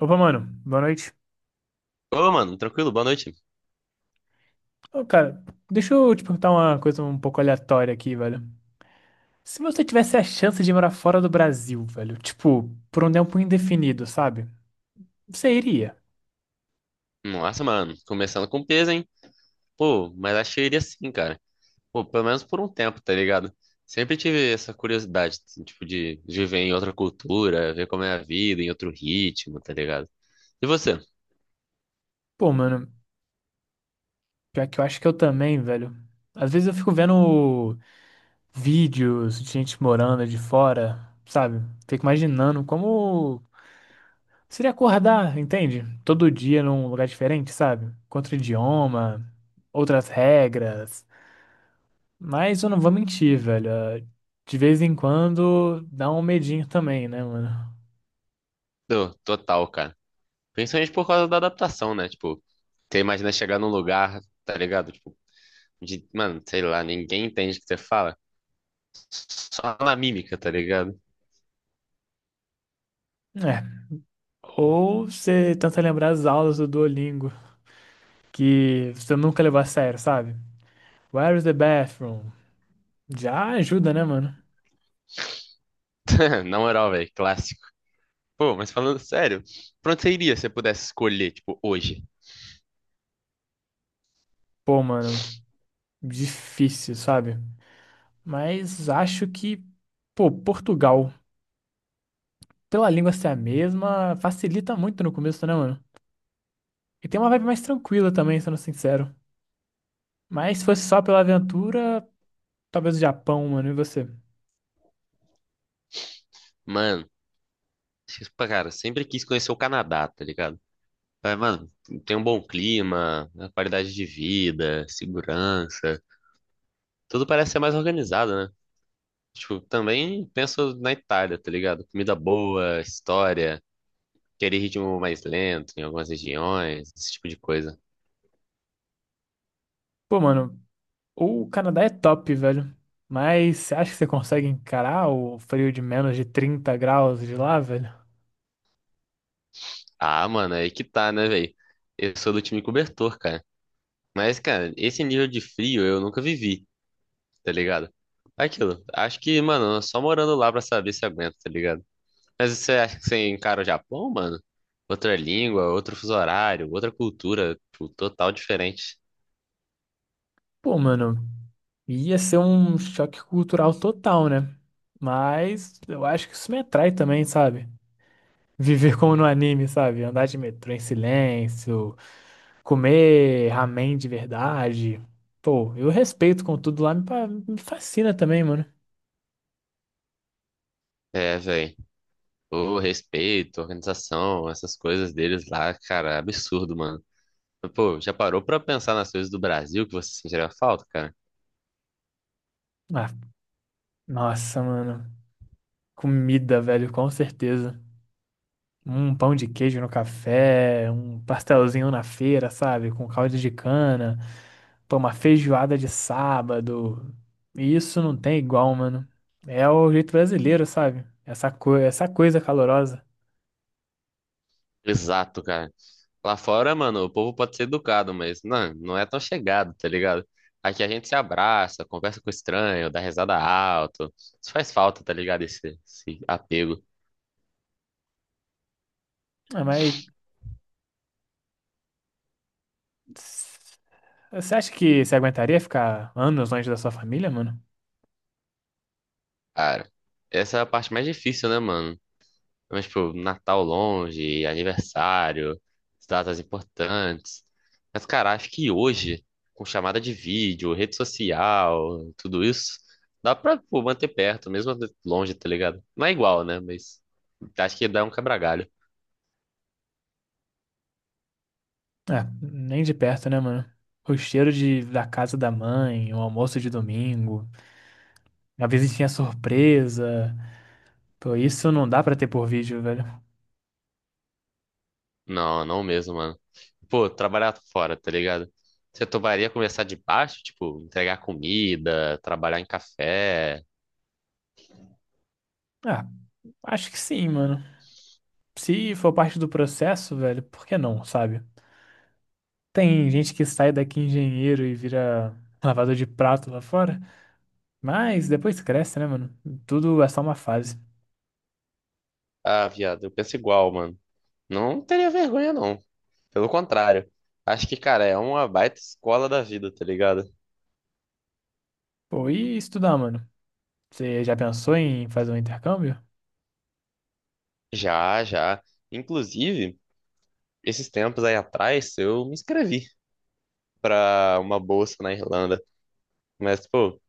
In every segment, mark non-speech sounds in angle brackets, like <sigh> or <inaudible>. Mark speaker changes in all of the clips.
Speaker 1: Opa, mano, boa noite.
Speaker 2: Ô, mano, tranquilo, boa noite.
Speaker 1: Ô, cara, deixa eu te perguntar uma coisa um pouco aleatória aqui, velho. Se você tivesse a chance de morar fora do Brasil, velho, tipo, por um tempo indefinido, sabe? Você iria.
Speaker 2: Nossa, mano, começando com peso, hein? Pô, mas acho que eu iria sim, cara. Pô, pelo menos por um tempo, tá ligado? Sempre tive essa curiosidade, assim, tipo, de viver em outra cultura, ver como é a vida, em outro ritmo, tá ligado? E você?
Speaker 1: Pô, mano, pior que eu acho que eu também, velho. Às vezes eu fico vendo vídeos de gente morando de fora, sabe? Fico imaginando como seria acordar, entende? Todo dia num lugar diferente, sabe? Com outro idioma, outras regras. Mas eu não vou mentir, velho. De vez em quando dá um medinho também, né, mano?
Speaker 2: Tô, total, cara. Principalmente por causa da adaptação, né? Tipo, você imagina chegar num lugar, tá ligado? Tipo, de, mano, sei lá, ninguém entende o que você fala. Só na mímica, tá ligado?
Speaker 1: É. Ou você tenta lembrar as aulas do Duolingo, que você nunca levar a sério, sabe? Where is the bathroom? Já ajuda, né, mano?
Speaker 2: <laughs> Na moral, velho, clássico. Pô, mas falando sério, pra onde você iria se você pudesse escolher, tipo, hoje?
Speaker 1: Pô, mano, difícil, sabe? Mas acho que, pô, Portugal, pela língua ser a mesma, facilita muito no começo, né, mano? E tem uma vibe mais tranquila também, sendo sincero. Mas se fosse só pela aventura, talvez o Japão, mano, e você?
Speaker 2: Mano, tipo, cara, sempre quis conhecer o Canadá, tá ligado? Mas, mano, tem um bom clima, né, qualidade de vida, segurança, tudo parece ser mais organizado, né? Tipo, também penso na Itália, tá ligado? Comida boa, história, querer ritmo mais lento em algumas regiões, esse tipo de coisa.
Speaker 1: Pô, mano, o Canadá é top, velho. Mas você acha que você consegue encarar o frio de menos de 30 graus de lá, velho?
Speaker 2: Ah, mano, aí que tá, né, velho? Eu sou do time cobertor, cara. Mas, cara, esse nível de frio eu nunca vivi, tá ligado? É aquilo. Acho que, mano, só morando lá pra saber se aguenta, tá ligado? Mas você acha que você encara o Japão, mano? Outra língua, outro fuso horário, outra cultura, tipo, total diferente.
Speaker 1: Pô, mano, ia ser um choque cultural total, né? Mas eu acho que isso me atrai também, sabe? Viver como no anime, sabe? Andar de metrô em silêncio, comer ramen de verdade. Pô, eu respeito com tudo lá, me fascina também, mano.
Speaker 2: É, velho. O respeito, a organização, essas coisas deles lá, cara, é absurdo, mano. Mas, pô, já parou pra pensar nas coisas do Brasil que você sentiria falta, cara?
Speaker 1: Ah, nossa, mano. Comida, velho, com certeza. Um pão de queijo no café, um pastelzinho na feira, sabe? Com caldo de cana, pô, uma feijoada de sábado. E isso não tem igual, mano. É o jeito brasileiro, sabe? Essa coisa calorosa.
Speaker 2: Exato, cara. Lá fora, mano, o povo pode ser educado, mas não é tão chegado, tá ligado? Aqui a gente se abraça, conversa com o estranho, dá risada alto. Isso faz falta, tá ligado? Esse apego.
Speaker 1: Ah, mas você acha que você aguentaria ficar anos longe da sua família, mano?
Speaker 2: Cara, essa é a parte mais difícil, né, mano? Mas, tipo, Natal longe, aniversário, datas importantes. Mas, cara, acho que hoje, com chamada de vídeo, rede social, tudo isso, dá pra, pô, manter perto, mesmo longe, tá ligado? Não é igual, né? Mas acho que dá um quebra-galho.
Speaker 1: Ah, nem de perto, né, mano? O cheiro de, da casa da mãe, o almoço de domingo, a visitinha surpresa. Pô, isso não dá pra ter por vídeo, velho.
Speaker 2: Não, não mesmo, mano. Pô, trabalhar fora, tá ligado? Você toparia começar de baixo, tipo, entregar comida, trabalhar em café?
Speaker 1: Ah, acho que sim, mano. Se for parte do processo, velho, por que não, sabe? Tem gente que sai daqui engenheiro e vira lavador de prato lá fora, mas depois cresce, né, mano? Tudo é só uma fase.
Speaker 2: Ah, viado, eu penso igual, mano. Não teria vergonha, não. Pelo contrário. Acho que, cara, é uma baita escola da vida, tá ligado?
Speaker 1: Pô, e estudar, mano? Você já pensou em fazer um intercâmbio?
Speaker 2: Já, já. Inclusive, esses tempos aí atrás, eu me inscrevi pra uma bolsa na Irlanda. Mas, pô,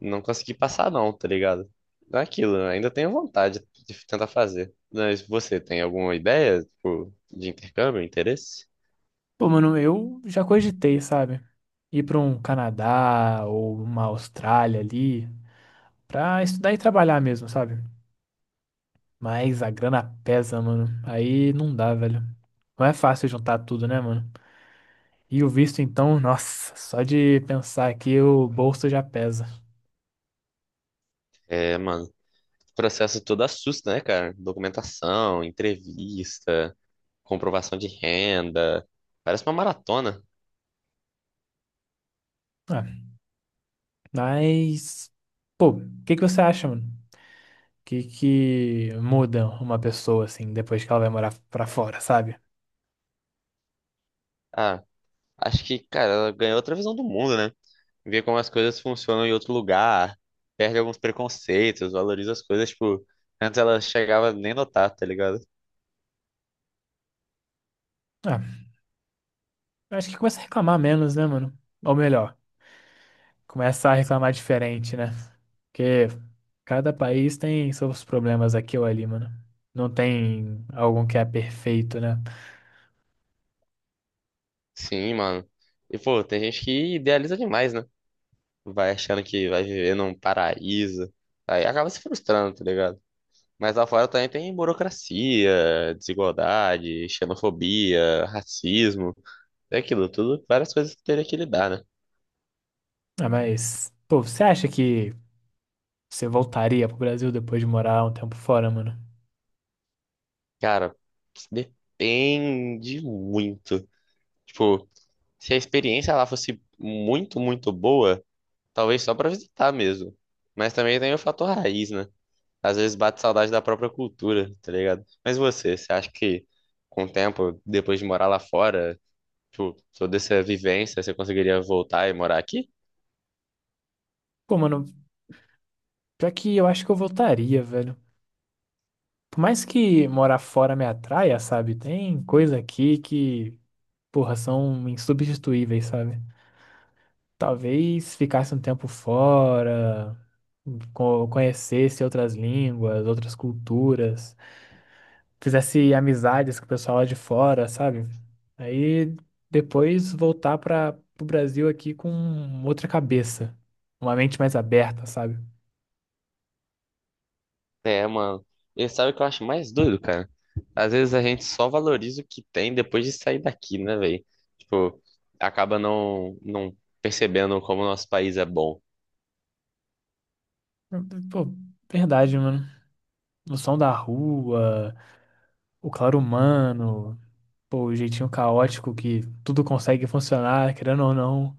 Speaker 2: não consegui passar não, tá ligado? Não é aquilo, eu ainda tenho vontade de tentar fazer. Mas você tem alguma ideia, tipo, de intercâmbio, interesse?
Speaker 1: Pô, mano, eu já cogitei, sabe? Ir pra um Canadá ou uma Austrália ali pra estudar e trabalhar mesmo, sabe? Mas a grana pesa, mano. Aí não dá, velho. Não é fácil juntar tudo, né, mano? E o visto, então, nossa, só de pensar aqui o bolso já pesa.
Speaker 2: É, mano, o processo todo assusta, né, cara? Documentação, entrevista, comprovação de renda. Parece uma maratona.
Speaker 1: Ah, mas, pô, o que que você acha, mano? O que que muda uma pessoa, assim, depois que ela vai morar pra fora, sabe?
Speaker 2: Ah, acho que, cara, ela ganhou outra visão do mundo, né? Vê como as coisas funcionam em outro lugar, perde alguns preconceitos, valoriza as coisas, tipo, antes ela chegava nem notar, tá ligado?
Speaker 1: Ah, eu acho que começa a reclamar menos, né, mano? Ou melhor, começa a reclamar diferente, né? Porque cada país tem seus problemas aqui ou ali, mano. Não tem algum que é perfeito, né?
Speaker 2: Sim, mano. E, pô, tem gente que idealiza demais, né? Vai achando que vai viver num paraíso, aí acaba se frustrando, tá ligado? Mas lá fora também tem burocracia, desigualdade, xenofobia, racismo, é aquilo tudo, várias coisas que teria que lidar, né?
Speaker 1: Ah, mas, pô, você acha que você voltaria pro Brasil depois de morar um tempo fora, mano?
Speaker 2: Cara, depende muito. Tipo, se a experiência lá fosse muito, muito boa, talvez só pra visitar mesmo. Mas também tem o fator raiz, né? Às vezes bate saudade da própria cultura, tá ligado? Mas você acha que com o tempo, depois de morar lá fora, tipo, toda essa vivência, você conseguiria voltar e morar aqui?
Speaker 1: Pô, mano, pior que eu acho que eu voltaria, velho. Por mais que morar fora me atraia, sabe? Tem coisa aqui que, porra, são insubstituíveis, sabe? Talvez ficasse um tempo fora, conhecesse outras línguas, outras culturas, fizesse amizades com o pessoal lá de fora, sabe? Aí depois voltar para o Brasil aqui com outra cabeça, uma mente mais aberta, sabe?
Speaker 2: É, mano. E sabe o que eu acho mais doido, cara? Às vezes a gente só valoriza o que tem depois de sair daqui, né, velho? Tipo, acaba não percebendo como o nosso país é bom.
Speaker 1: Pô, verdade, mano. O som da rua, o claro humano, pô, o jeitinho caótico que tudo consegue funcionar, querendo ou não.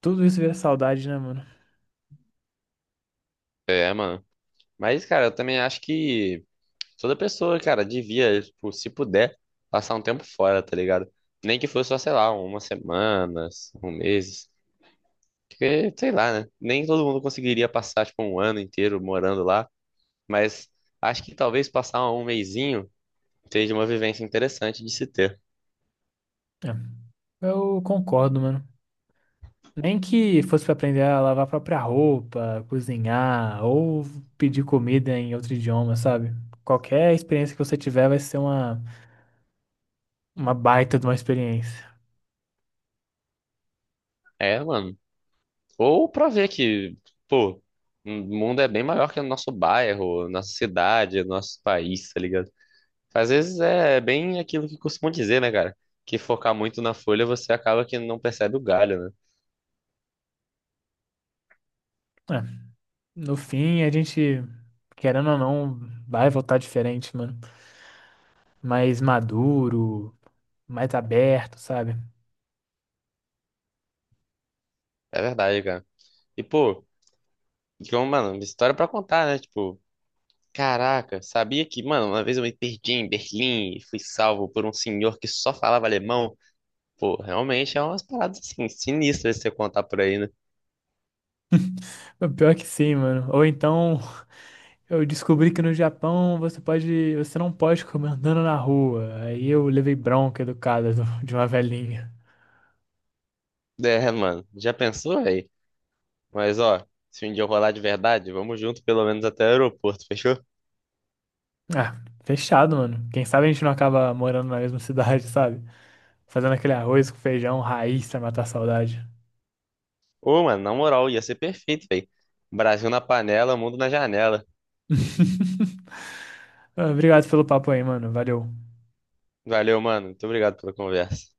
Speaker 1: Tudo isso vira saudade, né, mano?
Speaker 2: É, mano. Mas, cara, eu também acho que toda pessoa, cara, devia, tipo, se puder, passar um tempo fora, tá ligado? Nem que fosse só, sei lá, umas semanas, um mês. Porque, sei lá, né? Nem todo mundo conseguiria passar, tipo, um ano inteiro morando lá. Mas acho que talvez passar um mesinho seja uma vivência interessante de se ter.
Speaker 1: É, eu concordo, mano. Nem que fosse para aprender a lavar a própria roupa, cozinhar ou pedir comida em outro idioma, sabe? Qualquer experiência que você tiver vai ser uma baita de uma experiência.
Speaker 2: É, mano. Ou pra ver que, pô, o mundo é bem maior que o nosso bairro, nossa cidade, nosso país, tá ligado? Às vezes é bem aquilo que costumam dizer, né, cara? Que focar muito na folha você acaba que não percebe o galho, né?
Speaker 1: É, no fim, a gente, querendo ou não, vai voltar diferente, mano. Mais maduro, mais aberto, sabe?
Speaker 2: É verdade, cara. E, pô, então, mano, história pra contar, né? Tipo, caraca, sabia que, mano, uma vez eu me perdi em Berlim e fui salvo por um senhor que só falava alemão. Pô, realmente é umas paradas assim, sinistras de você contar por aí, né?
Speaker 1: <laughs> O pior que sim, mano. Ou então, eu descobri que no Japão você pode, você não pode comer <laughs> andando na rua. Aí eu levei bronca educada <laughs> de uma velhinha.
Speaker 2: É, mano, já pensou, aí? Mas, ó, se um dia eu rolar de verdade, vamos junto pelo menos até o aeroporto, fechou?
Speaker 1: Ah, fechado, mano. Quem sabe a gente não acaba morando na mesma cidade, sabe? Fazendo aquele arroz com feijão, raiz pra matar a saudade.
Speaker 2: Ô, mano, na moral, ia ser perfeito, velho. Brasil na panela, mundo na janela.
Speaker 1: <laughs> Obrigado pelo papo aí, mano. Valeu.
Speaker 2: Valeu, mano. Muito obrigado pela conversa.